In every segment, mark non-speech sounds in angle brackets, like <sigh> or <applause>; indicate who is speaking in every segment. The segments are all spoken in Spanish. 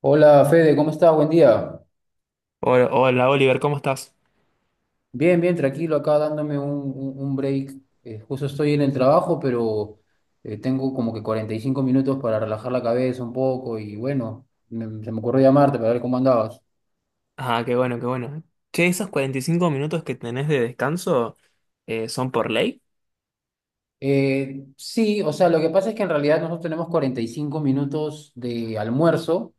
Speaker 1: Hola Fede, ¿cómo estás? Buen día.
Speaker 2: Hola, hola, Oliver, ¿cómo estás?
Speaker 1: Bien, bien, tranquilo, acá dándome un break. Justo estoy en el trabajo, pero tengo como que 45 minutos para relajar la cabeza un poco y bueno, se me ocurrió llamarte para ver cómo andabas.
Speaker 2: Ah, qué bueno, qué bueno. Che, esos 45 minutos que tenés de descanso son por ley.
Speaker 1: Sí, o sea, lo que pasa es que en realidad nosotros tenemos 45 minutos de almuerzo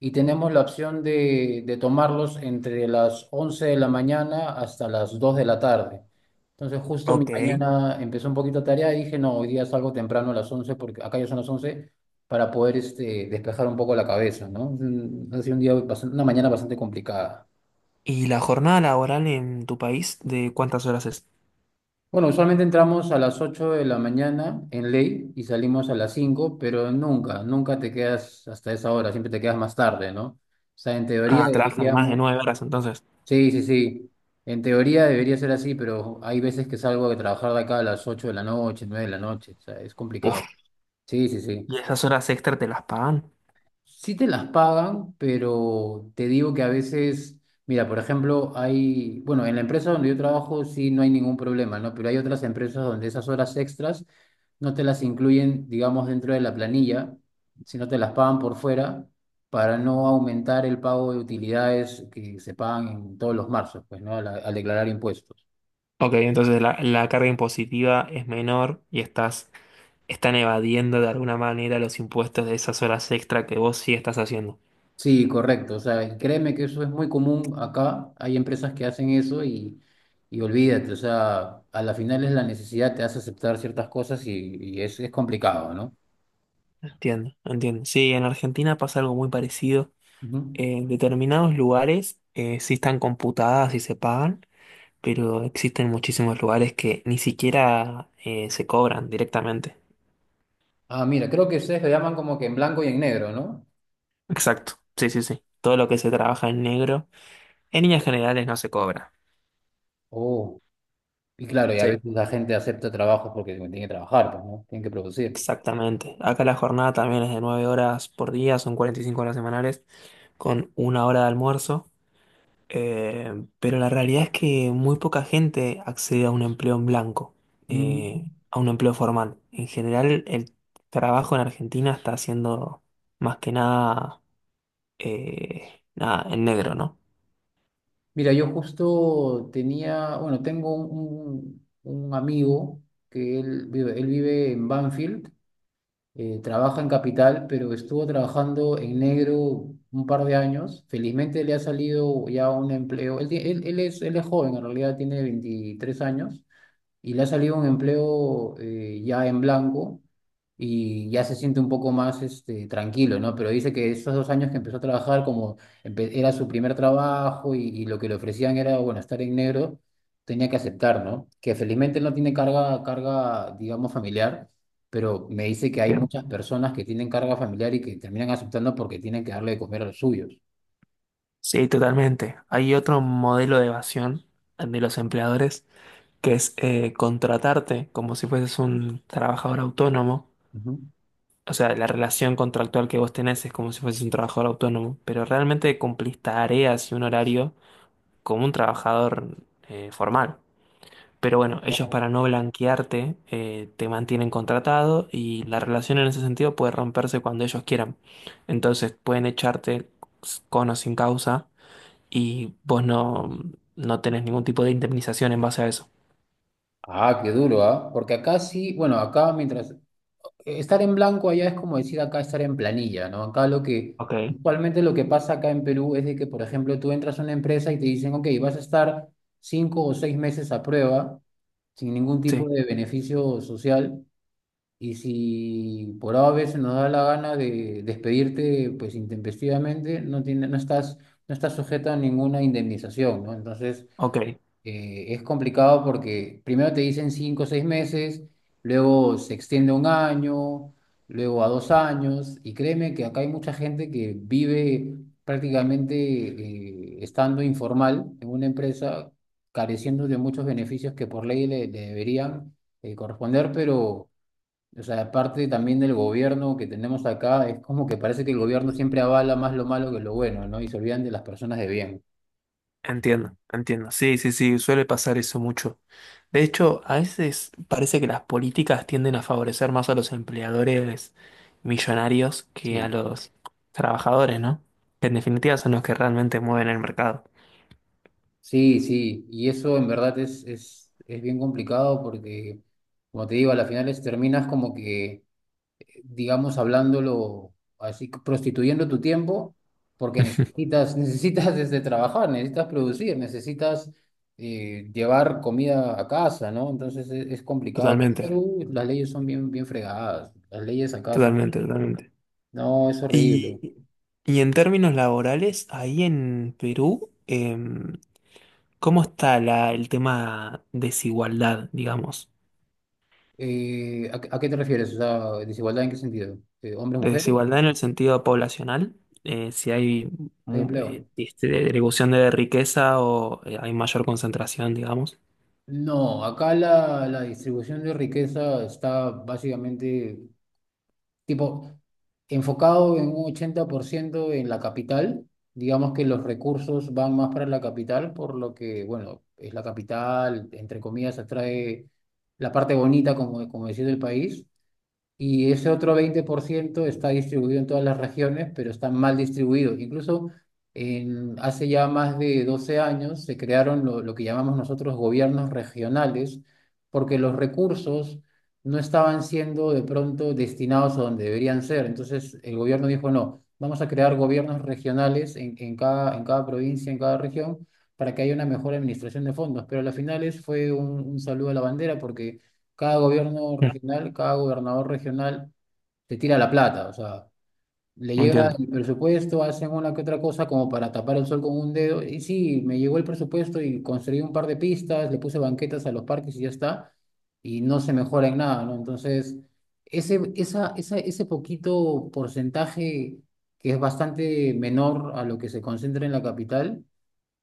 Speaker 1: y tenemos la opción de tomarlos entre las 11 de la mañana hasta las 2 de la tarde. Entonces, justo mi
Speaker 2: Ok.
Speaker 1: mañana empezó un poquito tarea y dije, no, hoy día salgo temprano a las 11 porque acá ya son las 11 para poder este, despejar un poco la cabeza, ¿no? Ha sido una mañana bastante complicada.
Speaker 2: ¿Y la jornada laboral en tu país de cuántas horas es?
Speaker 1: Bueno, usualmente entramos a las 8 de la mañana en ley y salimos a las 5, pero nunca, nunca te quedas hasta esa hora, siempre te quedas más tarde, ¿no? O sea, en teoría
Speaker 2: Ah, trabajan más de
Speaker 1: deberíamos,
Speaker 2: 9 horas entonces.
Speaker 1: sí, sí, sí, en teoría debería ser así, pero hay veces que salgo de trabajar de acá a las 8 de la noche, 9 de la noche, o sea, es
Speaker 2: Uf.
Speaker 1: complicado. Sí, sí, sí.
Speaker 2: ¿Y esas horas extra te las pagan?
Speaker 1: Sí te las pagan, pero te digo que a veces, mira, por ejemplo, hay, bueno, en la empresa donde yo trabajo sí no hay ningún problema, ¿no? Pero hay otras empresas donde esas horas extras no te las incluyen, digamos, dentro de la planilla, sino te las pagan por fuera para no aumentar el pago de utilidades que se pagan en todos los marzos, pues, ¿no? Al declarar impuestos.
Speaker 2: Ok, entonces la carga impositiva es menor y están evadiendo de alguna manera los impuestos de esas horas extra que vos sí estás haciendo.
Speaker 1: Sí, correcto. O sea, y créeme que eso es muy común acá. Hay empresas que hacen eso y olvídate. O sea, a la final es la necesidad, te hace aceptar ciertas cosas y es complicado, ¿no?
Speaker 2: Entiendo, entiendo. Sí, en Argentina pasa algo muy parecido.
Speaker 1: Ujú.
Speaker 2: En determinados lugares sí están computadas y se pagan, pero existen muchísimos lugares que ni siquiera se cobran directamente.
Speaker 1: Ah, mira, creo que ustedes lo llaman como que en blanco y en negro, ¿no?
Speaker 2: Exacto. Sí, sí, sí. Todo lo que se trabaja en negro, en líneas generales no se cobra.
Speaker 1: Oh, y claro, y a
Speaker 2: Sí.
Speaker 1: veces la gente acepta trabajos porque tiene que trabajar, pues, ¿no? Tienen que producir.
Speaker 2: Exactamente. Acá la jornada también es de 9 horas por día, son 45 horas semanales, con una hora de almuerzo. Pero la realidad es que muy poca gente accede a un empleo en blanco,
Speaker 1: Mm.
Speaker 2: a un empleo formal. En general, el trabajo en Argentina está siendo más que nada, nada en negro, ¿no?
Speaker 1: Mira, yo justo tenía, bueno, tengo un amigo que él vive en Banfield. Trabaja en Capital, pero estuvo trabajando en negro un par de años. Felizmente le ha salido ya un empleo. Él, ti- él, él es joven, en realidad tiene 23 años y le ha salido un empleo ya en blanco y ya se siente un poco más este, tranquilo, ¿no? Pero dice que esos 2 años que empezó a trabajar, como era su primer trabajo y lo que le ofrecían era, bueno, estar en negro, tenía que aceptar, ¿no? Que felizmente no tiene carga, digamos, familiar, pero me dice que hay
Speaker 2: Bien.
Speaker 1: muchas personas que tienen carga familiar y que terminan aceptando porque tienen que darle de comer a los suyos.
Speaker 2: Sí, totalmente. Hay otro modelo de evasión de los empleadores que es contratarte como si fueses un trabajador autónomo.
Speaker 1: Ujú.
Speaker 2: O sea, la relación contractual que vos tenés es como si fueses un trabajador autónomo, pero realmente cumplís tareas y un horario como un trabajador formal. Pero bueno, ellos
Speaker 1: Ojo.
Speaker 2: para no blanquearte te mantienen contratado y la relación en ese sentido puede romperse cuando ellos quieran. Entonces pueden echarte con o sin causa y vos no tenés ningún tipo de indemnización en base a eso.
Speaker 1: Ah, qué duro, ¿ah? Porque acá sí, bueno, acá mientras estar en blanco allá es como decir acá estar en planilla, ¿no?
Speaker 2: Ok.
Speaker 1: Usualmente lo que pasa acá en Perú es de que, por ejemplo, tú entras a una empresa y te dicen, ok, vas a estar 5 o 6 meses a prueba, sin ningún tipo
Speaker 2: Sí,
Speaker 1: de beneficio social, y si por A veces nos da la gana de despedirte, pues intempestivamente, no tiene, no estás sujeta a ninguna indemnización, ¿no? Entonces,
Speaker 2: ok.
Speaker 1: es complicado porque primero te dicen 5 o 6 meses, luego se extiende a un año, luego a 2 años, y créeme que acá hay mucha gente que vive prácticamente estando informal en una empresa, careciendo de muchos beneficios que por ley le deberían corresponder, pero, o sea, parte también del gobierno que tenemos acá, es como que parece que el gobierno siempre avala más lo malo que lo bueno, ¿no? Y se olvidan de las personas de bien.
Speaker 2: Entiendo, entiendo. Sí, sí, sí, suele pasar eso mucho. De hecho, a veces parece que las políticas tienden a favorecer más a los empleadores millonarios que a
Speaker 1: Sí.
Speaker 2: los trabajadores, ¿no? Que en definitiva son los que realmente mueven el mercado.
Speaker 1: Sí, sí, y eso en verdad es, es bien complicado porque, como te digo, a las finales terminas como que, digamos, hablándolo así, prostituyendo tu tiempo
Speaker 2: <laughs>
Speaker 1: porque
Speaker 2: Ujú.
Speaker 1: necesitas, <laughs> necesitas desde trabajar, necesitas producir, necesitas llevar comida a casa, ¿no? Entonces es complicado. Aquí en
Speaker 2: Totalmente,
Speaker 1: Perú las leyes son bien, bien fregadas, las leyes acaso,
Speaker 2: totalmente, totalmente.
Speaker 1: no, es
Speaker 2: Y,
Speaker 1: horrible.
Speaker 2: y en términos laborales, ahí en Perú, ¿cómo está el tema desigualdad, digamos?
Speaker 1: ¿A qué te refieres? O sea, ¿desigualdad en qué sentido? ¿Hombres,
Speaker 2: De
Speaker 1: mujeres?
Speaker 2: Desigualdad en el sentido poblacional, si hay
Speaker 1: ¿Hay empleo?
Speaker 2: este, distribución de riqueza o hay mayor concentración, digamos.
Speaker 1: No, acá la distribución de riqueza está básicamente tipo enfocado en un 80% en la capital. Digamos que los recursos van más para la capital, por lo que, bueno, es la capital, entre comillas, atrae la parte bonita, como, como decía, del país. Y ese otro 20% está distribuido en todas las regiones, pero está mal distribuido. Incluso en, hace ya más de 12 años se crearon lo que llamamos nosotros gobiernos regionales, porque los recursos no estaban siendo de pronto destinados a donde deberían ser. Entonces el gobierno dijo, no, vamos a crear gobiernos regionales en cada provincia, en cada región, para que haya una mejor administración de fondos. Pero a las finales fue un saludo a la bandera porque cada gobierno
Speaker 2: Mm.
Speaker 1: regional, cada gobernador regional te tira la plata, o sea, le llega
Speaker 2: Entiendo,
Speaker 1: el presupuesto, hacen una que otra cosa como para tapar el sol con un dedo, y sí, me llegó el presupuesto y construí un par de pistas, le puse banquetas a los parques y ya está, y no se mejora en nada, ¿no? Entonces, ese poquito porcentaje que es bastante menor a lo que se concentra en la capital,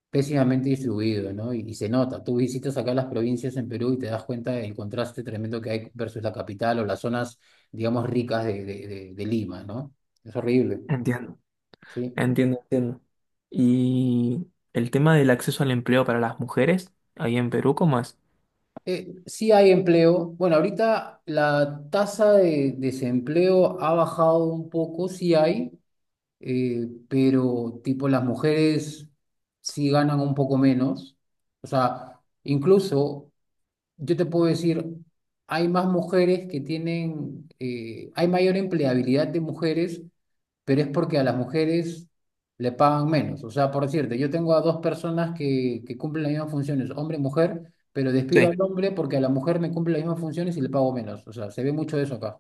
Speaker 1: pésimamente distribuido, ¿no? Y se nota. Tú visitas acá las provincias en Perú y te das cuenta del contraste tremendo que hay versus la capital o las zonas, digamos, ricas de Lima, ¿no? Es horrible,
Speaker 2: entiendo,
Speaker 1: ¿sí?
Speaker 2: entiendo, entiendo. Y el tema del acceso al empleo para las mujeres, ahí en Perú, ¿cómo es?
Speaker 1: Sí hay empleo. Bueno, ahorita la tasa de desempleo ha bajado un poco, sí hay, pero tipo las mujeres sí ganan un poco menos. O sea, incluso yo te puedo decir, hay más mujeres que tienen, hay mayor empleabilidad de mujeres, pero es porque a las mujeres le pagan menos. O sea, por decirte, yo tengo a dos personas que cumplen las mismas funciones, hombre y mujer, pero despido
Speaker 2: Sí.
Speaker 1: al hombre porque a la mujer me cumple las mismas funciones y le pago menos. O sea, se ve mucho de eso acá.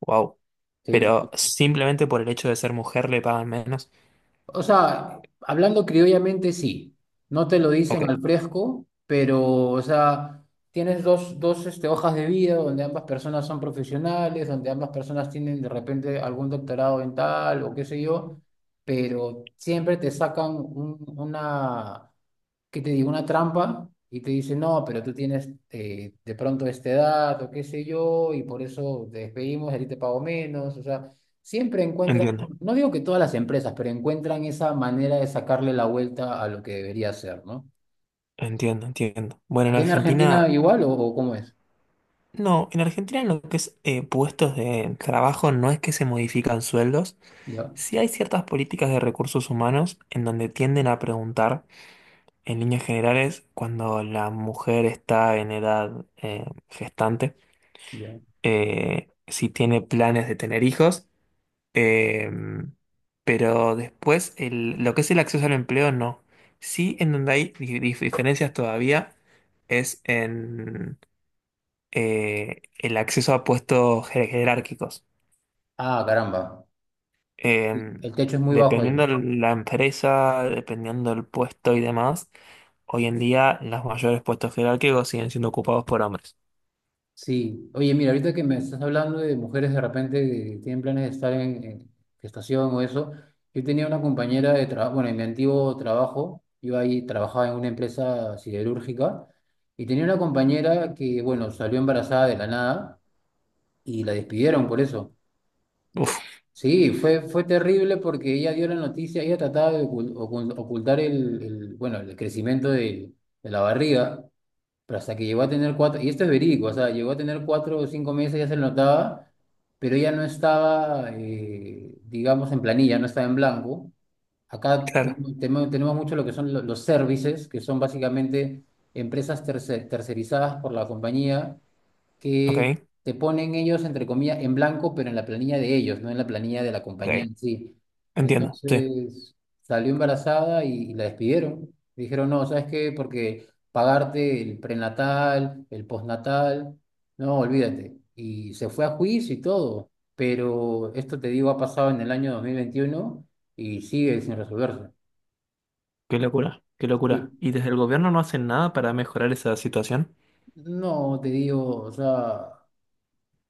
Speaker 2: Wow.
Speaker 1: Sí,
Speaker 2: Pero
Speaker 1: sí. Sí.
Speaker 2: simplemente por el hecho de ser mujer le pagan menos.
Speaker 1: O sea, hablando criollamente, sí. No te lo dicen
Speaker 2: Ok.
Speaker 1: al fresco, pero, o sea, tienes dos hojas de vida donde ambas personas son profesionales, donde ambas personas tienen de repente algún doctorado en tal o qué sé yo, pero siempre te sacan que te diga una trampa y te dice, no, pero tú tienes de pronto esta edad o qué sé yo, y por eso te despedimos, a ti te pago menos. O sea, siempre encuentran,
Speaker 2: Entiendo,
Speaker 1: no digo que todas las empresas, pero encuentran esa manera de sacarle la vuelta a lo que debería ser, ¿no?
Speaker 2: entiendo, entiendo. Bueno, en
Speaker 1: ¿Allá en Argentina
Speaker 2: Argentina,
Speaker 1: igual o cómo es?
Speaker 2: no, en Argentina en lo que es puestos de trabajo no es que se modifican sueldos.
Speaker 1: Ya,
Speaker 2: Sí hay ciertas políticas de recursos humanos en donde tienden a preguntar, en líneas generales, cuando la mujer está en edad gestante,
Speaker 1: ya.
Speaker 2: si tiene planes de tener hijos, eh, pero después lo que es el acceso al empleo no. Sí, en donde hay diferencias todavía es en el acceso a puestos jerárquicos.
Speaker 1: Ah, caramba.
Speaker 2: Em,
Speaker 1: El techo es muy bajo ahí.
Speaker 2: dependiendo de la empresa, dependiendo del puesto y demás, hoy en día los mayores puestos jerárquicos siguen siendo ocupados por hombres.
Speaker 1: Sí, oye, mira, ahorita que me estás hablando de mujeres de repente que tienen planes de estar en gestación o eso, yo tenía una compañera de trabajo, bueno, en mi antiguo trabajo, yo ahí trabajaba en una empresa siderúrgica y tenía una compañera que, bueno, salió embarazada de la nada y la despidieron por eso.
Speaker 2: Uf,
Speaker 1: Sí, fue, fue terrible porque ella dio la noticia, ella trataba de ocultar bueno, el crecimiento de la barriga. Pero hasta que llegó a tener 4, y esto es verídico, o sea, llegó a tener 4 o 5 meses, ya se lo notaba, pero ya no estaba, digamos, en planilla, no estaba en blanco. Acá
Speaker 2: claro.
Speaker 1: tenemos mucho lo que son los services, que son básicamente empresas tercerizadas por la compañía
Speaker 2: Ok,
Speaker 1: que te ponen ellos, entre comillas, en blanco, pero en la planilla de ellos, no en la planilla de la compañía
Speaker 2: ok.
Speaker 1: en sí.
Speaker 2: Entiendo, sí.
Speaker 1: Entonces salió embarazada y la despidieron. Dijeron, no, ¿sabes qué? Porque pagarte el prenatal, el postnatal, no, olvídate. Y se fue a juicio y todo. Pero esto te digo, ha pasado en el año 2021 y sigue sin resolverse.
Speaker 2: Qué locura, qué locura.
Speaker 1: Sí.
Speaker 2: ¿Y desde el gobierno no hacen nada para mejorar esa situación?
Speaker 1: No, te digo, o sea,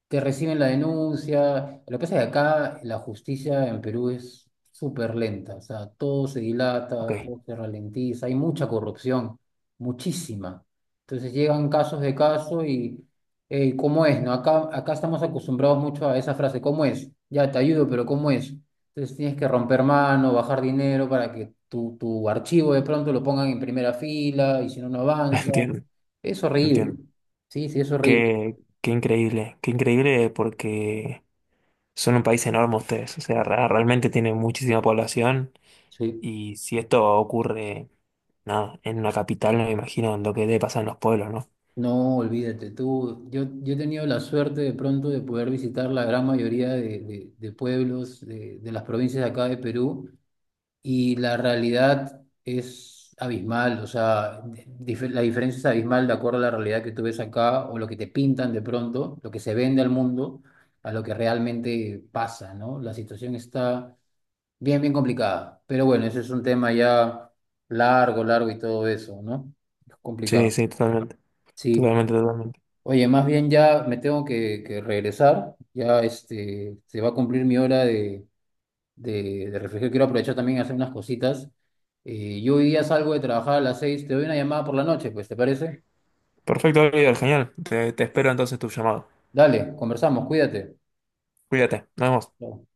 Speaker 1: que reciben la denuncia. Lo que pasa es que acá la justicia en Perú es súper lenta, o sea, todo se dilata,
Speaker 2: Ok, <laughs>
Speaker 1: todo se ralentiza, hay mucha corrupción, muchísima. Entonces llegan casos de caso y "Ey, ¿cómo es? ¿No? Acá, acá estamos acostumbrados mucho a esa frase, ¿cómo es? Ya te ayudo, pero ¿cómo es? Entonces tienes que romper mano, bajar dinero para que tu archivo de pronto lo pongan en primera fila y si no, no avanza.
Speaker 2: entiendo,
Speaker 1: Es horrible.
Speaker 2: entiendo.
Speaker 1: Sí, sí, es horrible.
Speaker 2: Qué increíble, qué increíble porque son un país enorme ustedes. O sea, realmente tienen muchísima población
Speaker 1: Sí.
Speaker 2: y si esto ocurre nada, en una capital no me imagino lo que debe pasar en los pueblos, ¿no?
Speaker 1: No, olvídate, tú, yo he tenido la suerte de pronto de poder visitar la gran mayoría de, de pueblos de las provincias de acá de Perú y la realidad es abismal, o sea, dif- la diferencia es abismal de acuerdo a la realidad que tú ves acá o lo que te pintan de pronto, lo que se vende al mundo, a lo que realmente pasa, ¿no? La situación está bien, bien complicada, pero bueno, ese es un tema ya largo, largo y todo eso, ¿no? Es
Speaker 2: Sí,
Speaker 1: complicado.
Speaker 2: sí, totalmente,
Speaker 1: Sí.
Speaker 2: totalmente, totalmente.
Speaker 1: Oye, más bien ya me tengo que regresar. Ya este, se va a cumplir mi hora de reflexión. Quiero aprovechar también y hacer unas cositas. Yo hoy día salgo de trabajar a las 6. Te doy una llamada por la noche, pues, ¿te parece?
Speaker 2: Perfecto, Oliver, genial. Te espero entonces tu llamado.
Speaker 1: Dale, conversamos, cuídate.
Speaker 2: Cuídate, nos vemos.
Speaker 1: Chao.